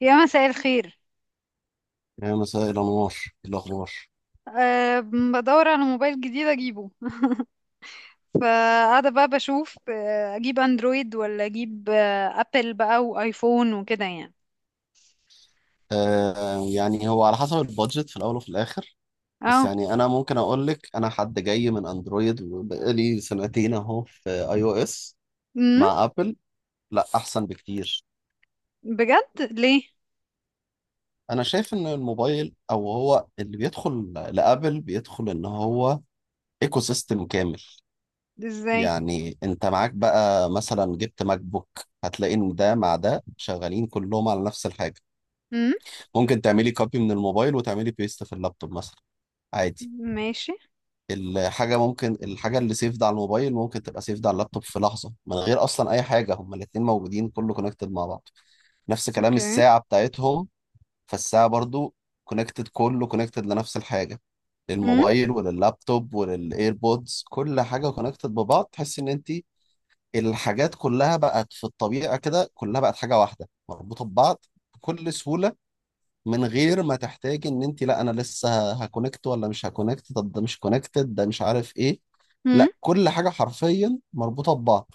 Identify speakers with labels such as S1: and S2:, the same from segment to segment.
S1: يا مساء الخير.
S2: يا مساء الأنوار. إيه الأخبار؟
S1: أه. بدور على موبايل جديد اجيبه. فقاعدة بقى بشوف، اجيب اندرويد ولا اجيب، ابل بقى وايفون وكده يعني.
S2: آه، يعني هو على حسب البادجت في الأول وفي الآخر. بس
S1: اه.
S2: يعني أنا ممكن أقول لك، أنا حد جاي من أندرويد وبقالي سنتين أهو في أي أو إس
S1: امم
S2: مع أبل. لا، أحسن بكتير.
S1: بجد ليه؟
S2: أنا شايف إن الموبايل، أو هو اللي بيدخل لأبل، بيدخل إن هو إيكو سيستم كامل.
S1: ازاي؟
S2: يعني أنت معاك بقى مثلا جبت ماك بوك، هتلاقي إن ده مع ده شغالين كلهم على نفس الحاجة.
S1: امم
S2: ممكن تعملي كوبي من الموبايل وتعملي بيست في اللابتوب مثلا، عادي.
S1: ماشي.
S2: الحاجة اللي سيفد على الموبايل ممكن تبقى سيفد على اللابتوب في لحظة من غير أصلا أي حاجة، هما الاتنين موجودين، كله كونكتد مع بعض. نفس كلام
S1: اوكي.
S2: الساعة بتاعتهم. فالساعة برضو كونكتد، كله كونكتد لنفس الحاجة، للموبايل ولللابتوب وللايربودز، كل حاجة كونكتد ببعض، تحس إن أنت الحاجات كلها بقت في الطبيعة كده، كلها بقت حاجة واحدة مربوطة ببعض بكل سهولة، من غير ما تحتاجي ان انت، لا انا لسه هكونكت ولا مش هكونكت، طب ده مش كونكتد، ده مش عارف ايه.
S1: امم
S2: لا، كل حاجه حرفيا مربوطه ببعض.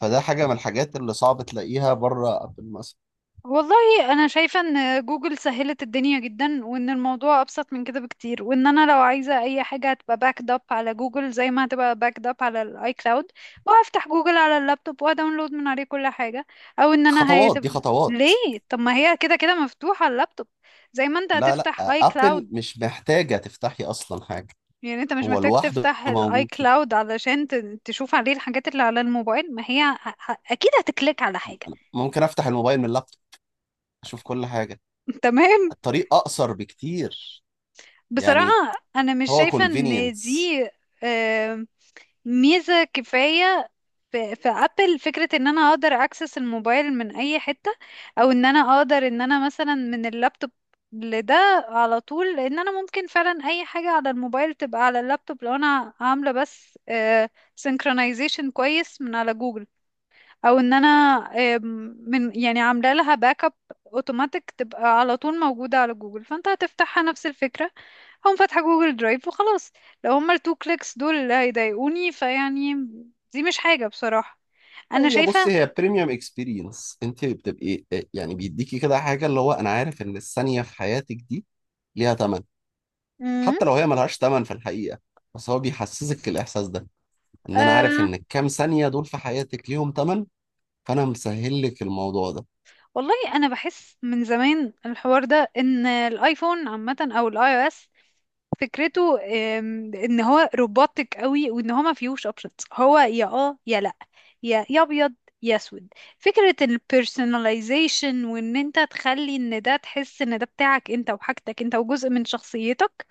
S2: فده حاجه من الحاجات اللي صعب تلاقيها بره ابل مثلا.
S1: والله انا شايفه ان جوجل سهلت الدنيا جدا، وان الموضوع ابسط من كده بكتير، وان انا لو عايزه اي حاجه هتبقى باكد اب على جوجل زي ما هتبقى باكد اب على الاي كلاود. وافتح جوجل على اللابتوب واداونلود من عليه كل حاجه. او ان انا
S2: خطوات، دي
S1: هيتبقى.
S2: خطوات.
S1: ليه؟ طب ما هي كده كده مفتوحه على اللابتوب، زي ما انت
S2: لا لا،
S1: هتفتح اي
S2: ابل
S1: كلاود.
S2: مش محتاجه تفتحي اصلا حاجه.
S1: يعني انت مش
S2: هو
S1: محتاج
S2: لوحده
S1: تفتح الاي
S2: موجود كده.
S1: كلاود علشان تشوف عليه الحاجات اللي على الموبايل. ما هي اكيد هتكليك على حاجه.
S2: ممكن افتح الموبايل من اللابتوب، اشوف كل حاجه.
S1: تمام.
S2: الطريق اقصر بكتير.
S1: بصراحة
S2: يعني
S1: أنا مش
S2: هو
S1: شايفة إن
S2: convenience.
S1: دي آه، ميزة كفاية. في في أبل فكرة إن أنا أقدر أكسس الموبايل من أي حتة، أو إن أنا أقدر إن أنا مثلا من اللابتوب لده على طول، لأن أنا ممكن فعلا أي حاجة على الموبايل تبقى على اللابتوب لو أنا عاملة بس سينكرونايزيشن كويس من على جوجل. او ان انا، آم، من يعني عامله لها باك اب اوتوماتيك تبقى على طول موجوده على جوجل. فانت هتفتحها نفس الفكره، هقوم فاتحه جوجل درايف وخلاص. لو هما التو كليكس دول اللي هيضايقوني فيعني، دي مش حاجه بصراحه انا
S2: هي، بص،
S1: شايفه.
S2: هي بريميوم اكسبيرينس، انت بتبقي، يعني بيديكي كده حاجه، اللي هو انا عارف ان الثانيه في حياتك دي ليها ثمن.
S1: مم.
S2: حتى لو هي ملهاش ثمن في الحقيقه، بس هو بيحسسك الاحساس ده، ان انا عارف
S1: آه.
S2: ان الكام ثانيه دول في حياتك ليهم ثمن. فانا مسهل لك الموضوع ده.
S1: والله انا بحس من زمان الحوار ده ان الايفون عامه او الاي او اس، فكرته ان هو روبوتك قوي، وان هو ما فيهوش اوبشنز. هو يا اه يا لا، يا ابيض يا اسود. فكرة البيرسوناليزيشن وان انت تخلي ان ده تحس ان ده بتاعك انت وحاجتك انت وجزء من شخصيتك،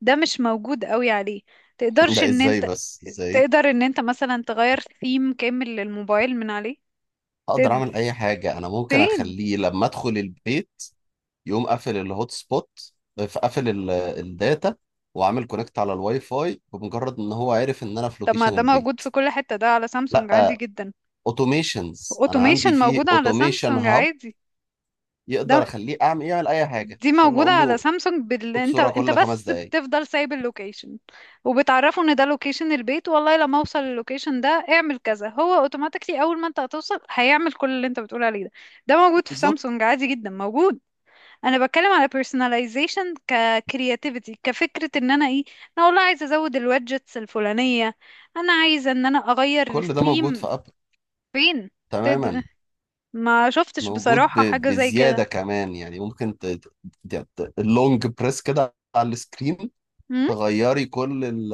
S1: ده مش موجود قوي عليه. تقدرش
S2: ده
S1: ان
S2: ازاي
S1: انت
S2: بس، ازاي؟
S1: تقدر ان انت مثلا تغير ثيم كامل للموبايل من عليه.
S2: اقدر
S1: تد...
S2: اعمل اي حاجه، انا ممكن
S1: فين؟
S2: اخليه لما ادخل البيت يقوم قافل الهوت سبوت، قافل الداتا، وعامل كونكت على الواي فاي، بمجرد ان هو عارف ان انا في
S1: طب ما
S2: لوكيشن
S1: ده موجود
S2: البيت.
S1: في كل حتة، ده على سامسونج عادي
S2: لا،
S1: جدا.
S2: اوتوميشنز، انا
S1: اوتوميشن
S2: عندي فيه
S1: موجود على
S2: اوتوميشن
S1: سامسونج
S2: هاب،
S1: عادي.
S2: يقدر
S1: ده،
S2: اخليه اعمل، يعمل اي حاجه ان
S1: دي
S2: شاء الله
S1: موجودة
S2: اقول
S1: على
S2: له.
S1: سامسونج
S2: خد
S1: انت،
S2: صوره
S1: انت
S2: كل خمس
S1: بس
S2: دقائق
S1: بتفضل سايب اللوكيشن وبتعرفه ان ده لوكيشن البيت، والله لما اوصل اللوكيشن ده اعمل كذا، هو اوتوماتيكلي اول ما انت هتوصل هيعمل كل اللي انت بتقول عليه ده. ده موجود في
S2: بالظبط.
S1: سامسونج عادي جدا موجود. انا بتكلم على personalization ككرياتيفيتي، كفكرة ان انا ايه، انا والله عايزة ازود الوادجتس الفلانية، انا عايزة ان انا اغير
S2: كل ده موجود في
S1: الثيم.
S2: ابل.
S1: فين؟
S2: تماما.
S1: تد... ما شفتش
S2: موجود
S1: بصراحة حاجة زي كده.
S2: بزياده كمان، يعني ممكن اللونج بريس كده على السكرين، تغيري كل ال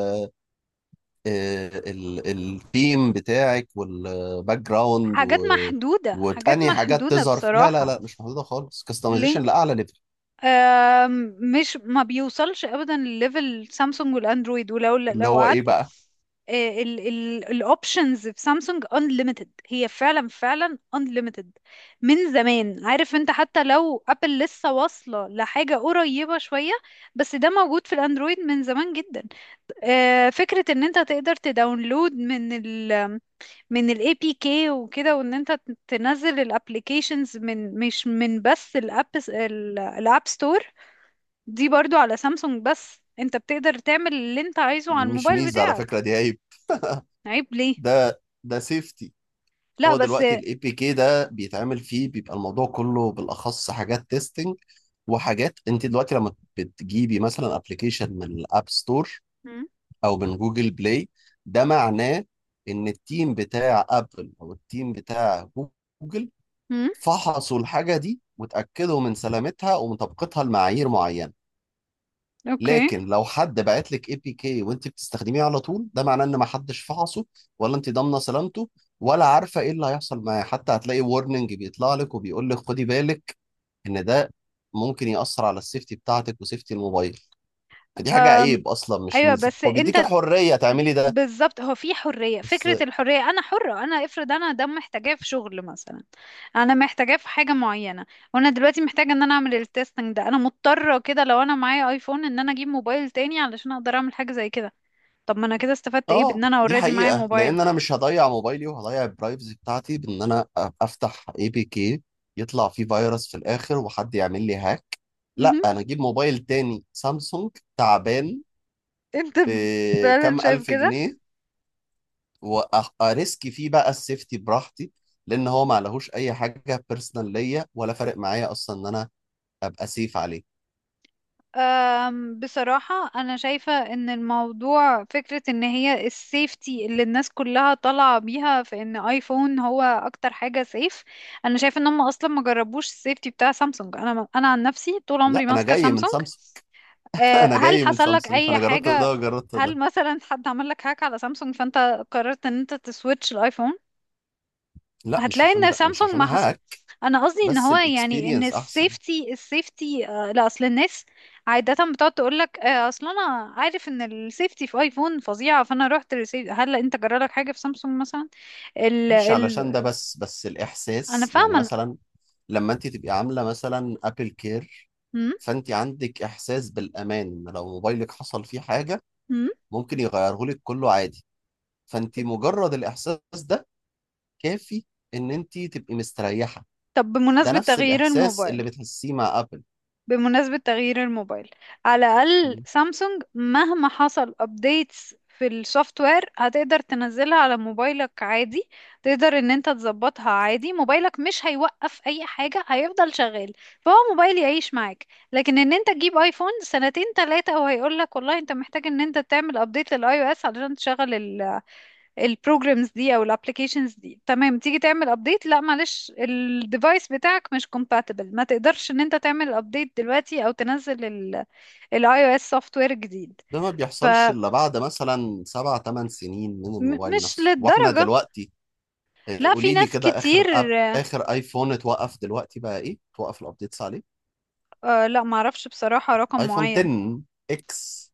S2: آه، ال الثيم بتاعك والباك جراوند
S1: حاجات
S2: و...
S1: محدودة، حاجات
S2: وتاني حاجات
S1: محدودة
S2: تظهر لا لا
S1: بصراحة.
S2: لا، مش محدوده خالص،
S1: ليه؟
S2: كاستمايزيشن لاعلى ليفل.
S1: مش ما بيوصلش ابدا لليفل سامسونج والاندرويد، ولو
S2: اللي
S1: لو
S2: هو ايه
S1: قعدت،
S2: بقى؟
S1: الاوبشنز في سامسونج unlimited، هي فعلا فعلا unlimited من زمان. عارف انت، حتى لو ابل لسه واصلة لحاجة قريبة شوية، بس ده موجود في الاندرويد من زمان جدا. فكرة ان انت تقدر تداونلود من من الاي بي كي وكده، وان انت تنزل الابليكيشنز من، مش من بس الاب، الاب ستور، دي برضو على سامسونج، بس انت بتقدر تعمل اللي انت عايزه
S2: دي
S1: على
S2: مش
S1: الموبايل
S2: ميزه، على
S1: بتاعك.
S2: فكره دي عيب.
S1: عيب ليه؟
S2: ده سيفتي.
S1: لا
S2: هو
S1: بس.
S2: دلوقتي الاي بي كي ده بيتعمل فيه، بيبقى الموضوع كله بالاخص حاجات تيستنج. وحاجات انت دلوقتي لما بتجيبي مثلا ابلكيشن من الاب ستور
S1: مم.
S2: او من جوجل بلاي، ده معناه ان التيم بتاع ابل او التيم بتاع جوجل
S1: امم.
S2: فحصوا الحاجه دي وتاكدوا من سلامتها ومن طبقتها لمعايير معينه.
S1: اوكي.
S2: لكن لو حد بعت لك اي بي كي وانت بتستخدميه على طول، ده معناه ان ما حدش فحصه، ولا انت ضامنه سلامته، ولا عارفه ايه اللي هيحصل معاه. حتى هتلاقي وورنينج بيطلع لك وبيقول لك خدي بالك ان ده ممكن يأثر على السيفتي بتاعتك وسيفتي الموبايل. فدي حاجه
S1: أم.
S2: عيب اصلا مش
S1: ايوه
S2: ميزه،
S1: بس
S2: هو
S1: انت،
S2: بيديك حريه تعملي ده
S1: بالظبط، هو في حرية،
S2: بس.
S1: فكرة الحرية. أنا حرة، أنا افرض أنا ده محتاجاه في شغل مثلا، أنا محتاجاه في حاجة معينة، وأنا دلوقتي محتاجة إن أنا أعمل التستنج ده. أنا مضطرة كده لو أنا معايا أيفون إن أنا أجيب موبايل تاني علشان أقدر أعمل حاجة زي كده. طب ما أنا كده استفدت إيه
S2: اه،
S1: بإن أنا
S2: دي
S1: أوريدي معايا
S2: حقيقة،
S1: موبايل؟
S2: لأن أنا مش هضيع موبايلي وهضيع البرايفسي بتاعتي بإن أنا أفتح اي بي كي يطلع فيه فيروس في الآخر وحد يعمل لي هاك. لا
S1: مهم.
S2: أنا أجيب موبايل تاني سامسونج تعبان
S1: أنت فعلا
S2: بكام
S1: شايف
S2: ألف
S1: كده.
S2: جنيه وأريسك فيه بقى السيفتي براحتي، لأن هو ما عليهوش أي حاجة بيرسونال ليا ولا فارق معايا أصلا إن أنا أبقى سيف عليه.
S1: أم، بصراحة أنا شايفة إن الموضوع فكرة إن هي السيفتي اللي الناس كلها طالعة بيها في إن آيفون هو أكتر حاجة سيف. أنا شايفة إن هم أصلا ما جربوش السيفتي بتاع سامسونج. أنا عن نفسي طول عمري
S2: لا، أنا
S1: ماسكة
S2: جاي من
S1: سامسونج.
S2: سامسونج.
S1: أه،
S2: أنا
S1: هل
S2: جاي من
S1: حصل لك
S2: سامسونج،
S1: أي
S2: فأنا جربت ده
S1: حاجة؟
S2: وجربت ده.
S1: هل مثلا حد عمل لك هاك على سامسونج فأنت قررت إن أنت تسويتش الآيفون؟
S2: لا مش
S1: هتلاقي
S2: عشان
S1: ان
S2: ده، مش
S1: سامسونج
S2: عشان
S1: ما حصل.
S2: هاك،
S1: انا قصدي ان
S2: بس
S1: هو يعني ان
S2: الاكسبيرينس احسن.
S1: السيفتي، السيفتي، آه لا، اصل الناس عادة بتقعد تقول لك آه، اصل انا عارف ان السيفتي في ايفون فظيعة فانا رحت للسيفتي. هل انت جرالك حاجة في سامسونج مثلا؟ ال
S2: مش علشان ده
S1: ال
S2: بس
S1: انا
S2: الإحساس، يعني
S1: فاهمة.
S2: مثلا لما أنت تبقي عاملة مثلا أبل كير،
S1: أمم،
S2: فأنت عندك إحساس بالأمان إن لو موبايلك حصل فيه حاجة
S1: أمم.
S2: ممكن يغيره لك كله عادي. فأنت مجرد الإحساس ده كافي إن أنت تبقي مستريحة.
S1: طب
S2: ده
S1: بمناسبة
S2: نفس
S1: تغيير
S2: الإحساس
S1: الموبايل،
S2: اللي بتحسيه مع أبل.
S1: بمناسبة تغيير الموبايل، على الأقل
S2: م.
S1: سامسونج مهما حصل updates في السوفت وير هتقدر تنزلها على موبايلك عادي. تقدر ان انت تظبطها عادي، موبايلك مش هيوقف اي حاجة، هيفضل شغال. فهو موبايل يعيش معاك. لكن ان انت تجيب ايفون سنتين تلاتة وهيقولك والله انت محتاج ان انت تعمل update للاي او اس علشان تشغل البروجرامز دي او الابلكيشنز دي. تمام، تيجي تعمل ابديت، لا معلش الديفايس بتاعك مش compatible، ما تقدرش ان انت تعمل ابديت دلوقتي او تنزل الاي او اس سوفت وير جديد.
S2: ده ما بيحصلش
S1: فمش
S2: إلا بعد مثلا سبع تمن سنين من الموبايل نفسه، وإحنا
S1: للدرجة.
S2: دلوقتي. آه،
S1: لا في
S2: قولي لي
S1: ناس
S2: كده،
S1: كتير.
S2: آخر أب، آخر آيفون اتوقف دلوقتي بقى إيه؟ توقف الأبديتس عليه.
S1: آه لا معرفش بصراحة رقم
S2: ايفون
S1: معين.
S2: 10، اكس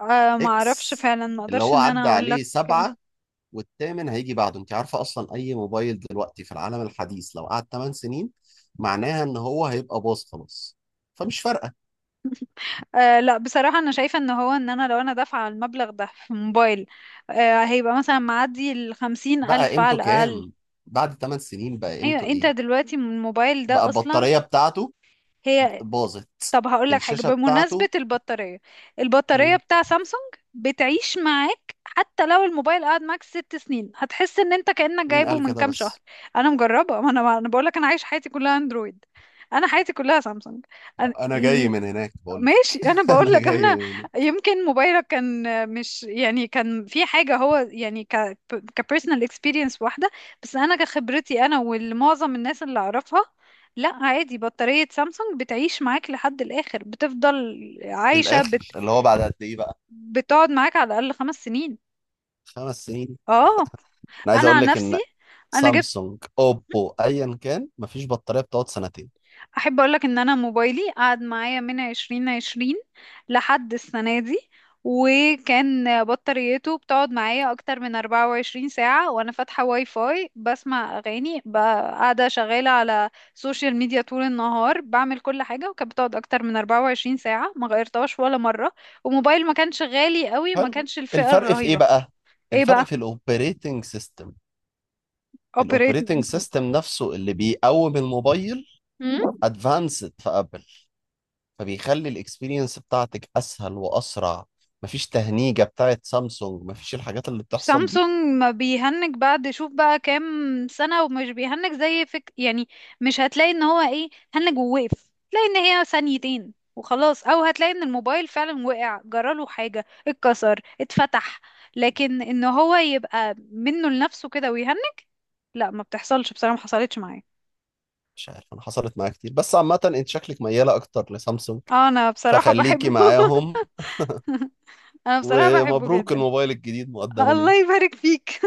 S1: آه معرفش
S2: اكس
S1: فعلا، ما
S2: اللي
S1: اقدرش
S2: هو
S1: ان انا
S2: عدى
S1: اقول لك.
S2: عليه سبعة، والثامن هيجي بعده. انت عارفة اصلا اي موبايل دلوقتي في العالم الحديث لو قعد 8 سنين معناها ان هو هيبقى باظ خلاص، فمش فارقة.
S1: آه لا، بصراحة أنا شايفة إن هو، إن أنا لو أنا دافعة المبلغ ده في موبايل، آه هيبقى مثلا معدي الخمسين
S2: بقى
S1: ألف
S2: قيمته
S1: على الأقل.
S2: كام؟ بعد 8 سنين بقى
S1: ايوه
S2: قيمته
S1: انت
S2: ايه؟
S1: دلوقتي من الموبايل
S2: بقى
S1: ده اصلا
S2: البطارية بتاعته
S1: هي.
S2: باظت،
S1: طب هقول لك حاجه
S2: الشاشة
S1: بمناسبه
S2: بتاعته.
S1: البطاريه. البطاريه
S2: مم،
S1: بتاع سامسونج بتعيش معاك حتى لو الموبايل قعد معاك 6 سنين هتحس ان انت كانك
S2: مين
S1: جايبه
S2: قال
S1: من
S2: كده
S1: كام شهر.
S2: بس؟
S1: انا مجربه، ما انا بقول لك، انا عايش حياتي كلها اندرويد، انا حياتي كلها سامسونج. أنا...
S2: انا جاي من هناك بقول
S1: ماشي
S2: لك.
S1: انا
S2: انا
S1: بقول لك
S2: جاي
S1: انا،
S2: من هناك.
S1: يمكن موبايلك كان، مش يعني كان في حاجه، هو يعني كبيرسونال اكسبيرينس واحده، بس انا كخبرتي انا والمعظم الناس اللي اعرفها، لا عادي، بطاريه سامسونج بتعيش معاك لحد الاخر، بتفضل عايشه،
S2: الاخر اللي هو بعد قد ايه بقى؟
S1: بتقعد معاك على الاقل 5 سنين.
S2: 5 سنين؟
S1: اه
S2: انا عايز
S1: انا
S2: اقول
S1: عن
S2: لك ان
S1: نفسي، انا جبت،
S2: سامسونج، اوبو، ايا كان، مفيش بطاريه بتقعد سنتين.
S1: احب اقولك ان انا موبايلي قعد معايا من 2020 لحد السنة دي، وكان بطاريته بتقعد معايا اكتر من 24 ساعة وانا فاتحة واي فاي بسمع اغاني، قاعدة شغالة على سوشيال ميديا طول النهار، بعمل كل حاجة، وكانت بتقعد اكتر من 24 ساعة، ما غيرتهاش ولا مرة. وموبايل ما كانش غالي قوي، ما
S2: حلو.
S1: كانش الفئة
S2: الفرق في ايه
S1: الرهيبة.
S2: بقى؟
S1: ايه
S2: الفرق
S1: بقى؟
S2: في الاوبريتنج سيستم.
S1: اوبريت،
S2: الاوبريتنج سيستم نفسه اللي بيقوم الموبايل ادفانسد في ابل، فبيخلي الاكسبيرينس بتاعتك اسهل واسرع. مفيش تهنيجه بتاعت سامسونج، مفيش الحاجات اللي بتحصل دي.
S1: سامسونج ما بيهنج، بعد شوف بقى كام سنة ومش بيهنج زي فك يعني، مش هتلاقي ان هو ايه، هنج ووقف، تلاقي ان هي ثانيتين وخلاص، او هتلاقي ان الموبايل فعلا وقع جراله حاجة، اتكسر، اتفتح. لكن ان هو يبقى منه لنفسه كده ويهنج، لا ما بتحصلش بصراحة، ما حصلتش معايا.
S2: مش عارف، انا حصلت معايا كتير، بس عامه انت شكلك مياله اكتر لسامسونج،
S1: انا بصراحة
S2: فخليكي
S1: بحبه.
S2: معاهم.
S1: انا بصراحة بحبه
S2: ومبروك
S1: جدا.
S2: الموبايل الجديد مقدما يعني.
S1: الله يبارك فيك.